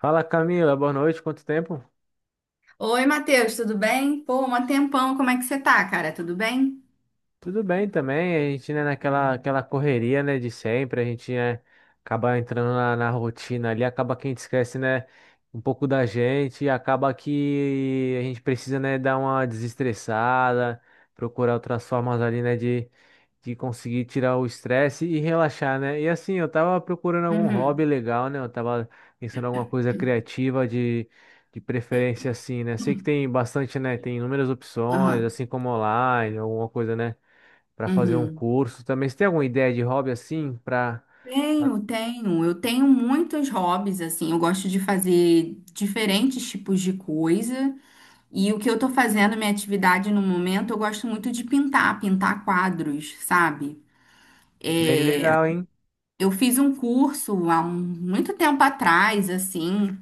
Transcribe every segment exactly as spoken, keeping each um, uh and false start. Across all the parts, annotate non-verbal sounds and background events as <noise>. Fala Camila, boa noite, quanto tempo? Oi, Matheus, tudo bem? Pô, um tempão, como é que você tá, cara? Tudo bem? Tudo bem também, a gente, né, naquela aquela correria, né, de sempre, a gente, né, acaba entrando na, na rotina ali, acaba que a gente esquece, né, um pouco da gente, e acaba que a gente precisa, né, dar uma desestressada, procurar outras formas ali, né, de, de conseguir tirar o estresse e relaxar, né, e assim, eu tava procurando algum hobby Uhum, legal, né, eu tava pensando em alguma coisa criativa de... De preferência assim, né? Sei que tem bastante, né? Tem inúmeras opções, aham, assim como online, alguma coisa, né? Para fazer um uhum. curso também. Você tem alguma ideia de hobby assim para Tenho, tenho. Eu tenho muitos hobbies, assim. Eu gosto de fazer diferentes tipos de coisa. E o que eu tô fazendo, minha atividade no momento, eu gosto muito de pintar, pintar quadros, sabe? bem legal, hein? Eu fiz um curso há um- muito tempo atrás, assim,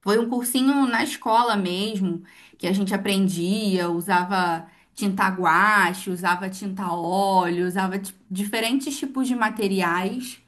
foi um cursinho na escola mesmo, que a gente aprendia, usava tinta guache, usava tinta óleo, usava ti- diferentes tipos de materiais.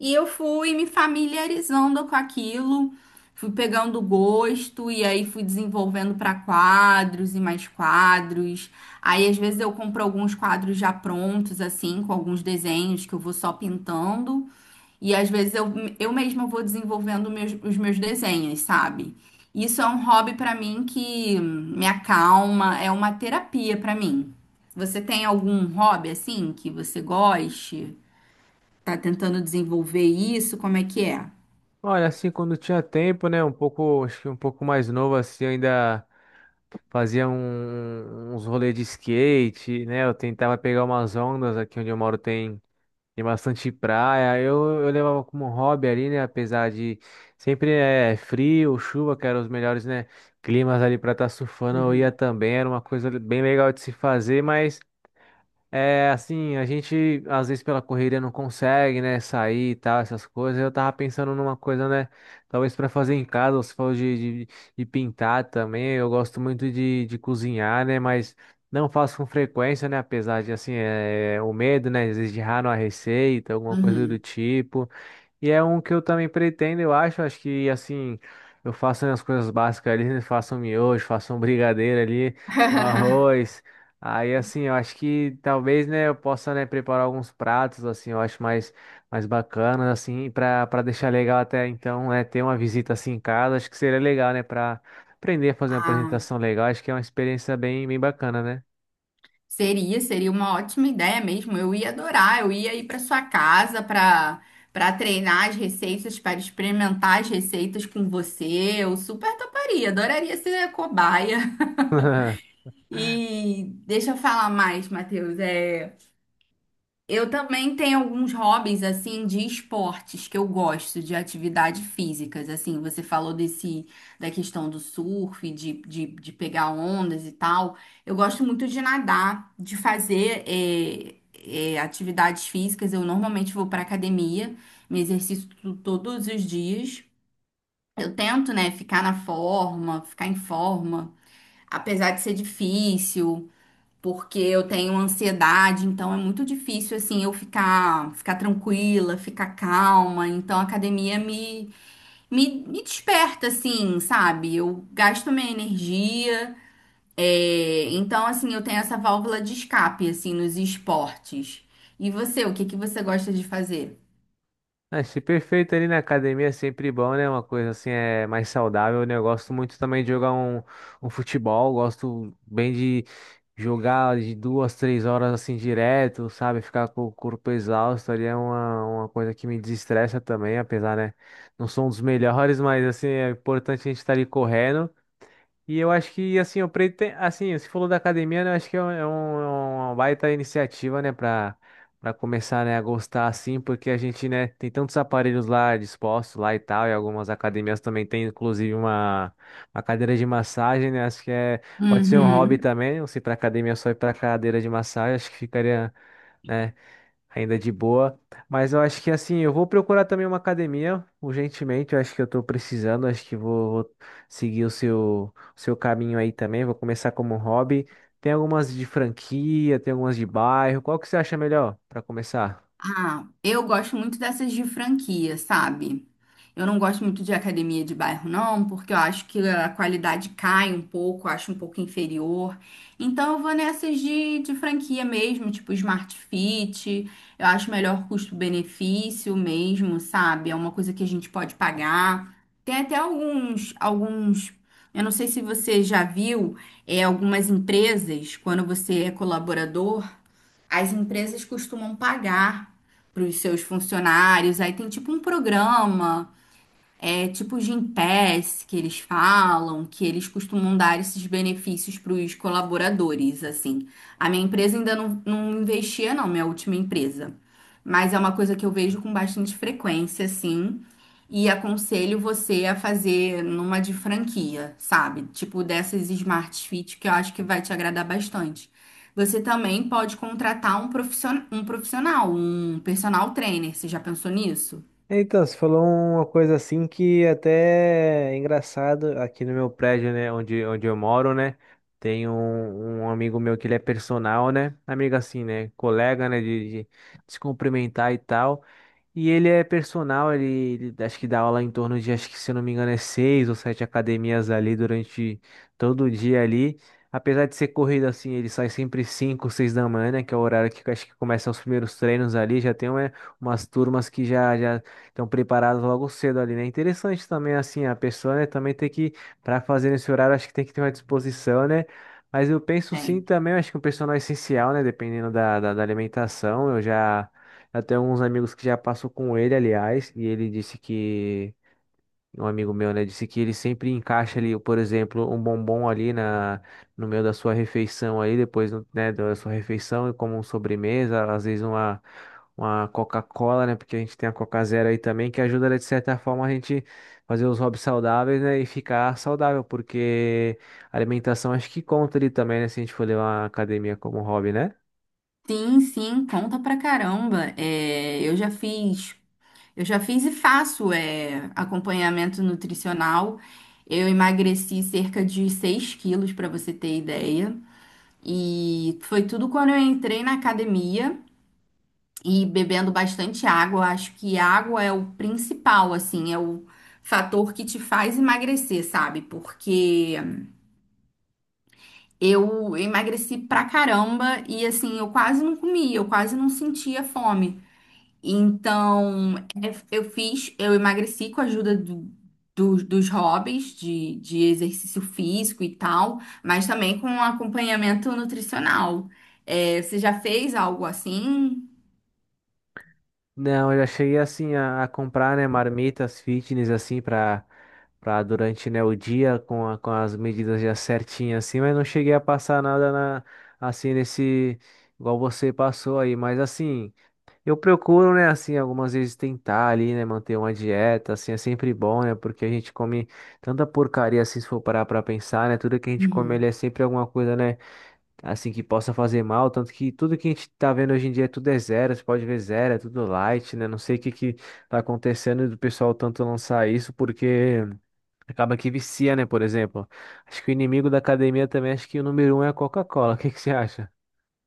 E eu fui me familiarizando com aquilo, fui pegando gosto e aí fui desenvolvendo para quadros e mais quadros. Aí às vezes eu compro alguns quadros já prontos, assim, com alguns desenhos que eu vou só pintando. E às vezes eu, eu mesma vou desenvolvendo meus- os meus desenhos, sabe? Isso é um hobby pra mim que me acalma, é uma terapia pra mim. Você tem algum hobby assim que você goste? Tá tentando desenvolver isso? Como é que é? Olha, assim, quando tinha tempo, né, um pouco, acho que um pouco mais novo assim, eu ainda fazia um- um, uns rolês de skate, né? Eu tentava pegar umas ondas aqui onde eu moro tem tem bastante praia, eu, eu levava como hobby ali, né? Apesar de sempre é frio, chuva, que eram os melhores, né? Climas ali para estar surfando, eu ia Uhum. também, era uma coisa bem legal de se fazer, mas é, assim, a gente às vezes pela correria não consegue, né, sair e tal, essas coisas. Eu tava pensando numa coisa, né, talvez pra fazer em casa, você falou de, de, de pintar também. Eu gosto muito de, de cozinhar, né, mas não faço com frequência, né, apesar de, assim, é, o medo, né, às vezes de errar numa receita, alguma coisa do Uhum. tipo. E é um que eu também pretendo, eu acho. Acho que assim, eu faço as coisas básicas ali, né? Faço um miojo, faço um brigadeiro ali, um <laughs> arroz. Aí assim, eu acho que talvez, né, eu possa, né, preparar alguns pratos assim, eu acho mais mais bacanas assim, para para deixar legal até então, né, ter uma visita assim em casa, acho que seria legal, né, para aprender a fazer uma Ah, apresentação legal. Acho que é uma experiência bem bem bacana, né? seria, seria uma ótima ideia mesmo. Eu ia adorar. Eu ia ir para sua casa para para treinar as receitas, para experimentar as receitas com você. Eu super toparia, adoraria ser cobaia. <laughs> <laughs> E deixa eu falar mais, Matheus. É, eu também tenho alguns hobbies assim de esportes que eu gosto, de atividades físicas. Assim, você falou desse da questão do surf, de, de, de pegar ondas e tal. Eu gosto muito de nadar, de fazer é, é, atividades físicas. Eu normalmente vou para academia, me exercito todos os dias. Eu tento, né, ficar na forma, ficar em forma, apesar de ser difícil porque eu tenho ansiedade, então é muito difícil assim eu ficar ficar tranquila, ficar calma. Então a academia me me, me desperta assim, sabe? Eu gasto minha energia. é, Então assim eu tenho essa válvula de escape assim nos esportes. E você, o que que você gosta de fazer? Achei perfeito ali na academia, é sempre bom, né? Uma coisa assim é mais saudável, né? Eu gosto muito também de jogar um, um futebol, gosto bem de jogar de duas, três horas assim direto, sabe? Ficar com o corpo exausto ali é uma, uma coisa que me desestressa também, apesar, né? Não sou um dos melhores, <laughs> mas assim, é importante a gente estar ali correndo. E eu acho que, assim, o Preto tem, assim, você falou da academia, né? Eu acho que é um, é um- é uma baita iniciativa, né, para para começar, né, a gostar, assim, porque a gente, né, tem tantos aparelhos lá dispostos lá e tal, e algumas academias também tem, inclusive, uma, uma cadeira de massagem, né? Acho que é, pode ser um hobby Uhum. também, não sei, para academia só ir para cadeira de massagem, acho que ficaria, né? Ainda de boa. Mas eu acho que assim, eu vou procurar também uma academia urgentemente. Eu acho que eu tô precisando. Acho que vou, vou seguir o seu, o seu caminho aí também. Vou começar como um hobby. Tem algumas de franquia, tem algumas de bairro. Qual que você acha melhor para começar? Ah, eu gosto muito dessas de franquia, sabe? Eu não gosto muito de academia de bairro, não, porque eu acho que a qualidade cai um pouco, eu acho um pouco inferior. Então eu vou nessas de, de franquia mesmo, tipo Smart Fit. Eu acho melhor custo-benefício mesmo, sabe? É uma coisa que a gente pode pagar. Tem até alguns, alguns. Eu não sei se você já viu, é, algumas empresas, quando você é colaborador. As empresas costumam pagar para os seus funcionários, aí tem tipo um programa, é tipo o Gympass que eles falam, que eles costumam dar esses benefícios para os colaboradores, assim. A minha empresa ainda não, não investia, não, minha última empresa. Mas é uma coisa que eu vejo com bastante frequência, assim. E aconselho você a fazer numa de franquia, sabe? Tipo dessas Smart Fit, que eu acho que vai te agradar bastante. Você também pode contratar um profissional, um profissional, um personal trainer. Você já pensou nisso? Então, você falou uma coisa assim que até é engraçado aqui no meu prédio, né, onde, onde eu moro, né, tem um, um amigo meu que ele é personal, né, amigo assim, né, colega, né, de, de de se cumprimentar e tal. E ele é personal, ele, ele acho que dá aula em torno de, acho que se eu não me engano, é seis ou sete academias ali durante todo o dia ali. Apesar de ser corrido assim, ele sai sempre cinco, seis da manhã, né, que é o horário que acho que começam os primeiros treinos ali. Já tem uma- umas turmas que já já estão preparadas logo cedo ali, né? Interessante também assim a pessoa, né, também tem que para fazer nesse horário, acho que tem que ter uma disposição, né? Mas eu penso sim também, eu acho que um personal é essencial, né, dependendo da, da da alimentação. Eu já eu tenho alguns amigos que já passou com ele, aliás, e ele disse que, um amigo meu, né, disse que ele sempre encaixa ali, por exemplo, um bombom ali na, no meio da sua refeição aí, depois, né, da sua refeição e como sobremesa, às vezes uma, uma Coca-Cola, né, porque a gente tem a Coca Zero aí também, que ajuda, né, de certa forma, a gente fazer os hobbies saudáveis, né, e ficar saudável, porque a alimentação acho que conta ali também, né, se a gente for levar a academia como hobby, né? Sim, sim, conta pra caramba. É, eu já fiz, eu já fiz e faço é, acompanhamento nutricional. Eu emagreci cerca de seis quilos, pra você ter ideia. E foi tudo quando eu entrei na academia e bebendo bastante água. Eu acho que água é o principal, assim, é o fator que te faz emagrecer, sabe? Porque eu emagreci pra caramba e assim, eu quase não comia, eu quase não sentia fome. Então, é, eu fiz, eu emagreci com a ajuda do- dos dos hobbies de, de exercício físico e tal, mas também com um acompanhamento nutricional. É, você já fez algo assim? Não, eu já cheguei assim a, a comprar, né, marmitas fitness assim para para durante, né, o dia com, a- com as medidas já certinhas assim, mas não cheguei a passar nada na assim nesse igual você passou aí, mas assim, eu procuro, né, assim, algumas vezes tentar ali, né, manter uma dieta, assim, é sempre bom, né, porque a gente come tanta porcaria assim se for parar para pensar, né, tudo que a gente come ele é sempre alguma coisa, né, assim que possa fazer mal, tanto que tudo que a gente tá vendo hoje em dia tudo é zero, você pode ver zero, é tudo light, né? Não sei o que que tá acontecendo do pessoal tanto lançar isso, porque acaba que vicia, né? Por exemplo, acho que o inimigo da academia também, acho que o número um é a Coca-Cola, o que que você acha?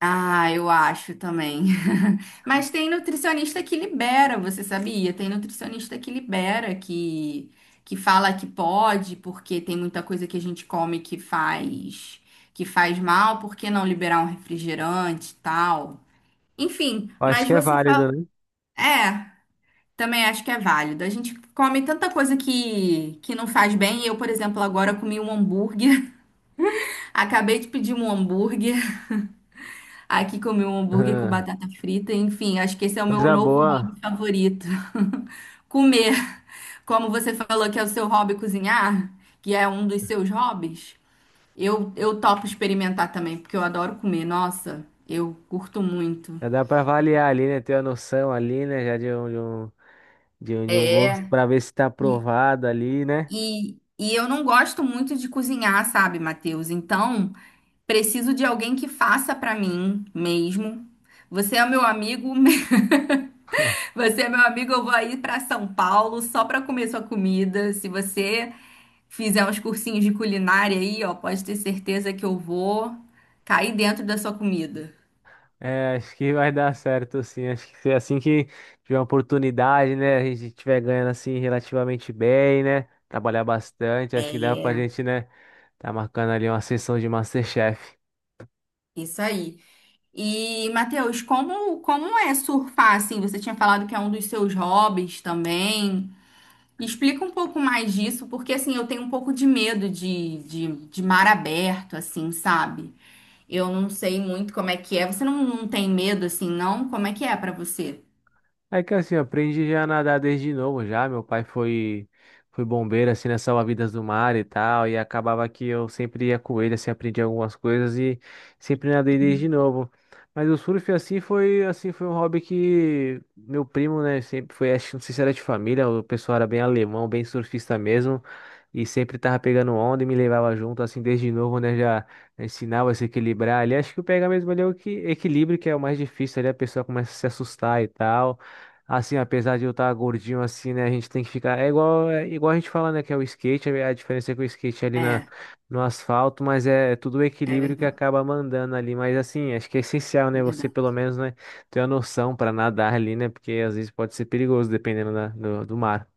Ah, eu acho também. <laughs> Mas tem nutricionista que libera, você sabia? Tem nutricionista que libera, que, que fala que pode, porque tem muita coisa que a gente come que faz que faz mal, por que não liberar um refrigerante e tal? Enfim, Eu acho mas que é você fala. válido, né? É, também acho que é válido. A gente come tanta coisa que, que não faz bem. Eu, por exemplo, agora comi um hambúrguer. <laughs> Acabei de pedir um hambúrguer. Aqui comi um hambúrguer com Ah, batata frita, enfim, acho que esse é o meu coisa novo hobby boa, favorito. <laughs> Comer. Como você falou que é o seu hobby cozinhar, que é um dos seus hobbies, eu, eu topo experimentar também, porque eu adoro comer. Nossa, eu curto muito. já dá pra avaliar ali, né? Ter uma noção ali, né? Já de um, de um, de um, de um gosto pra ver se tá E, aprovado ali, né? e, e eu não gosto muito de cozinhar, sabe, Matheus? Então, preciso de alguém que faça pra mim mesmo. Você é meu amigo, <laughs> você é meu amigo, eu vou aí para São Paulo só para comer sua comida. Se você fizer uns cursinhos de culinária aí, ó, pode ter certeza que eu vou cair dentro da sua comida. É, acho que vai dar certo, sim. Acho que assim que tiver uma oportunidade, né? A gente tiver ganhando assim relativamente bem, né? Trabalhar bastante, acho que dá pra É, gente, né? Tá marcando ali uma sessão de MasterChef. isso aí. E, Matheus, como, como é surfar assim? Você tinha falado que é um dos seus hobbies também. Explica um pouco mais disso, porque assim, eu tenho um pouco de medo de, de, de mar aberto, assim, sabe? Eu não sei muito como é que é. Você não, não tem medo assim, não? Como é que é pra você? É que assim, eu aprendi já a nadar desde novo já. Meu pai foi foi bombeiro assim nas salva-vidas do mar e tal, e acabava que eu sempre ia com ele, assim, aprendi algumas coisas e sempre nadei desde novo. Mas o surf assim foi assim foi um hobby que meu primo, né, sempre foi, acho, não sei se era de família, o pessoal era bem alemão, bem surfista mesmo. E sempre tava pegando onda e me levava junto, assim, desde novo, né? Já ensinava a se equilibrar ali. Acho que o pegar mesmo ali é o que, equilíbrio, que é o mais difícil ali, a pessoa começa a se assustar e tal. Assim, apesar de eu estar gordinho assim, né, a gente tem que ficar. É igual, é igual a gente fala, né, que é o skate, é a diferença é que o skate é ali na, É, no asfalto, mas é, é tudo o é equilíbrio que verdade, acaba mandando ali. Mas assim, acho que é essencial, né, você verdade, pelo menos, né, ter a noção para nadar ali, né, porque às vezes pode ser perigoso dependendo da- do, do mar.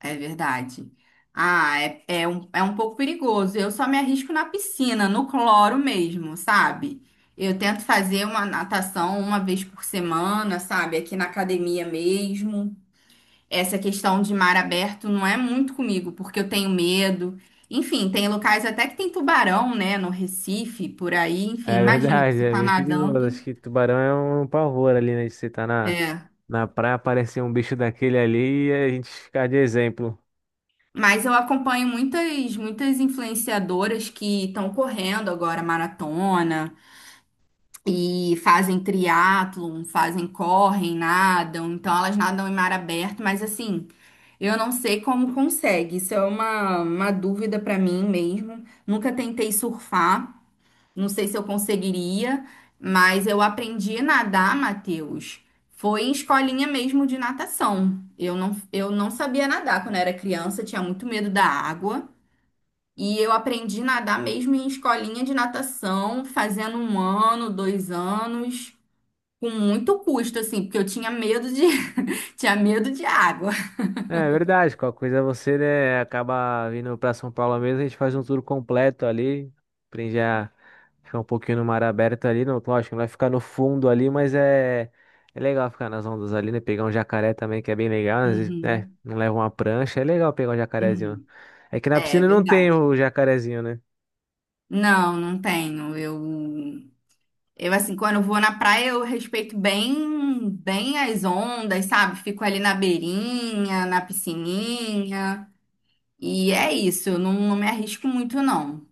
é verdade. Ah, é, é um, é um pouco perigoso. Eu só me arrisco na piscina, no cloro mesmo, sabe? Eu tento fazer uma natação uma vez por semana, sabe? Aqui na academia mesmo. Essa questão de mar aberto não é muito comigo, porque eu tenho medo. Enfim, tem locais até que tem tubarão, né? No Recife, por aí. Enfim, É imagina, verdade, você é tá bem perigoso. nadando. Acho que tubarão é um pavor ali, né, de você estar na, É. na praia, aparecer um bicho daquele ali e a gente ficar de exemplo. Mas eu acompanho muitas, muitas influenciadoras que estão correndo agora maratona e fazem triatlon, fazem, correm, nadam. Então elas nadam em mar aberto, mas assim, eu não sei como consegue. Isso é uma, uma dúvida para mim mesmo. Nunca tentei surfar, não sei se eu conseguiria, mas eu aprendi a nadar, Matheus. Foi em escolinha mesmo de natação. Eu não, eu não sabia nadar quando era criança, tinha muito medo da água. E eu aprendi a nadar mesmo em escolinha de natação, fazendo um ano, dois anos, com muito custo, assim, porque eu tinha medo de, <laughs> tinha medo de água. É verdade, qualquer coisa você, né, acaba vindo pra São Paulo mesmo, a gente faz um tour completo ali, aprende a ficar um pouquinho no mar aberto ali, não, lógico, não vai ficar no fundo ali, mas é, é legal ficar nas ondas ali, né, pegar um jacaré também, que é bem legal, às vezes, né, Uhum, não leva uma prancha, é legal pegar um jacarezinho. uhum. É que na É piscina não tem verdade. o jacarezinho, né? Não, não tenho. Eu, eu assim, quando eu vou na praia, eu respeito bem, bem as ondas, sabe? Fico ali na beirinha, na piscininha. E é isso, eu não, não me arrisco muito, não.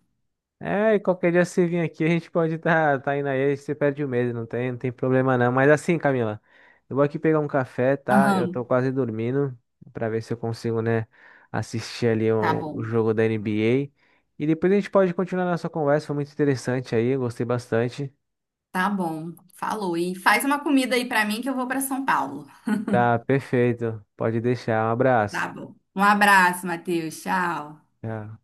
É, e qualquer dia você vir aqui, a gente pode estar tá, tá indo aí, você perde o medo, não tem, não tem problema não. Mas assim, Camila, eu vou aqui pegar um café, tá? Eu tô Aham. quase dormindo, pra ver se eu consigo, né, assistir ali Tá o, o bom. jogo da N B A. E depois a gente pode continuar nossa conversa, foi muito interessante aí, eu gostei bastante. Tá bom. Falou. E faz uma comida aí pra mim que eu vou pra São Paulo. Tá, perfeito, pode deixar, um abraço. Tá bom. Um abraço, Matheus. Tchau. Tchau.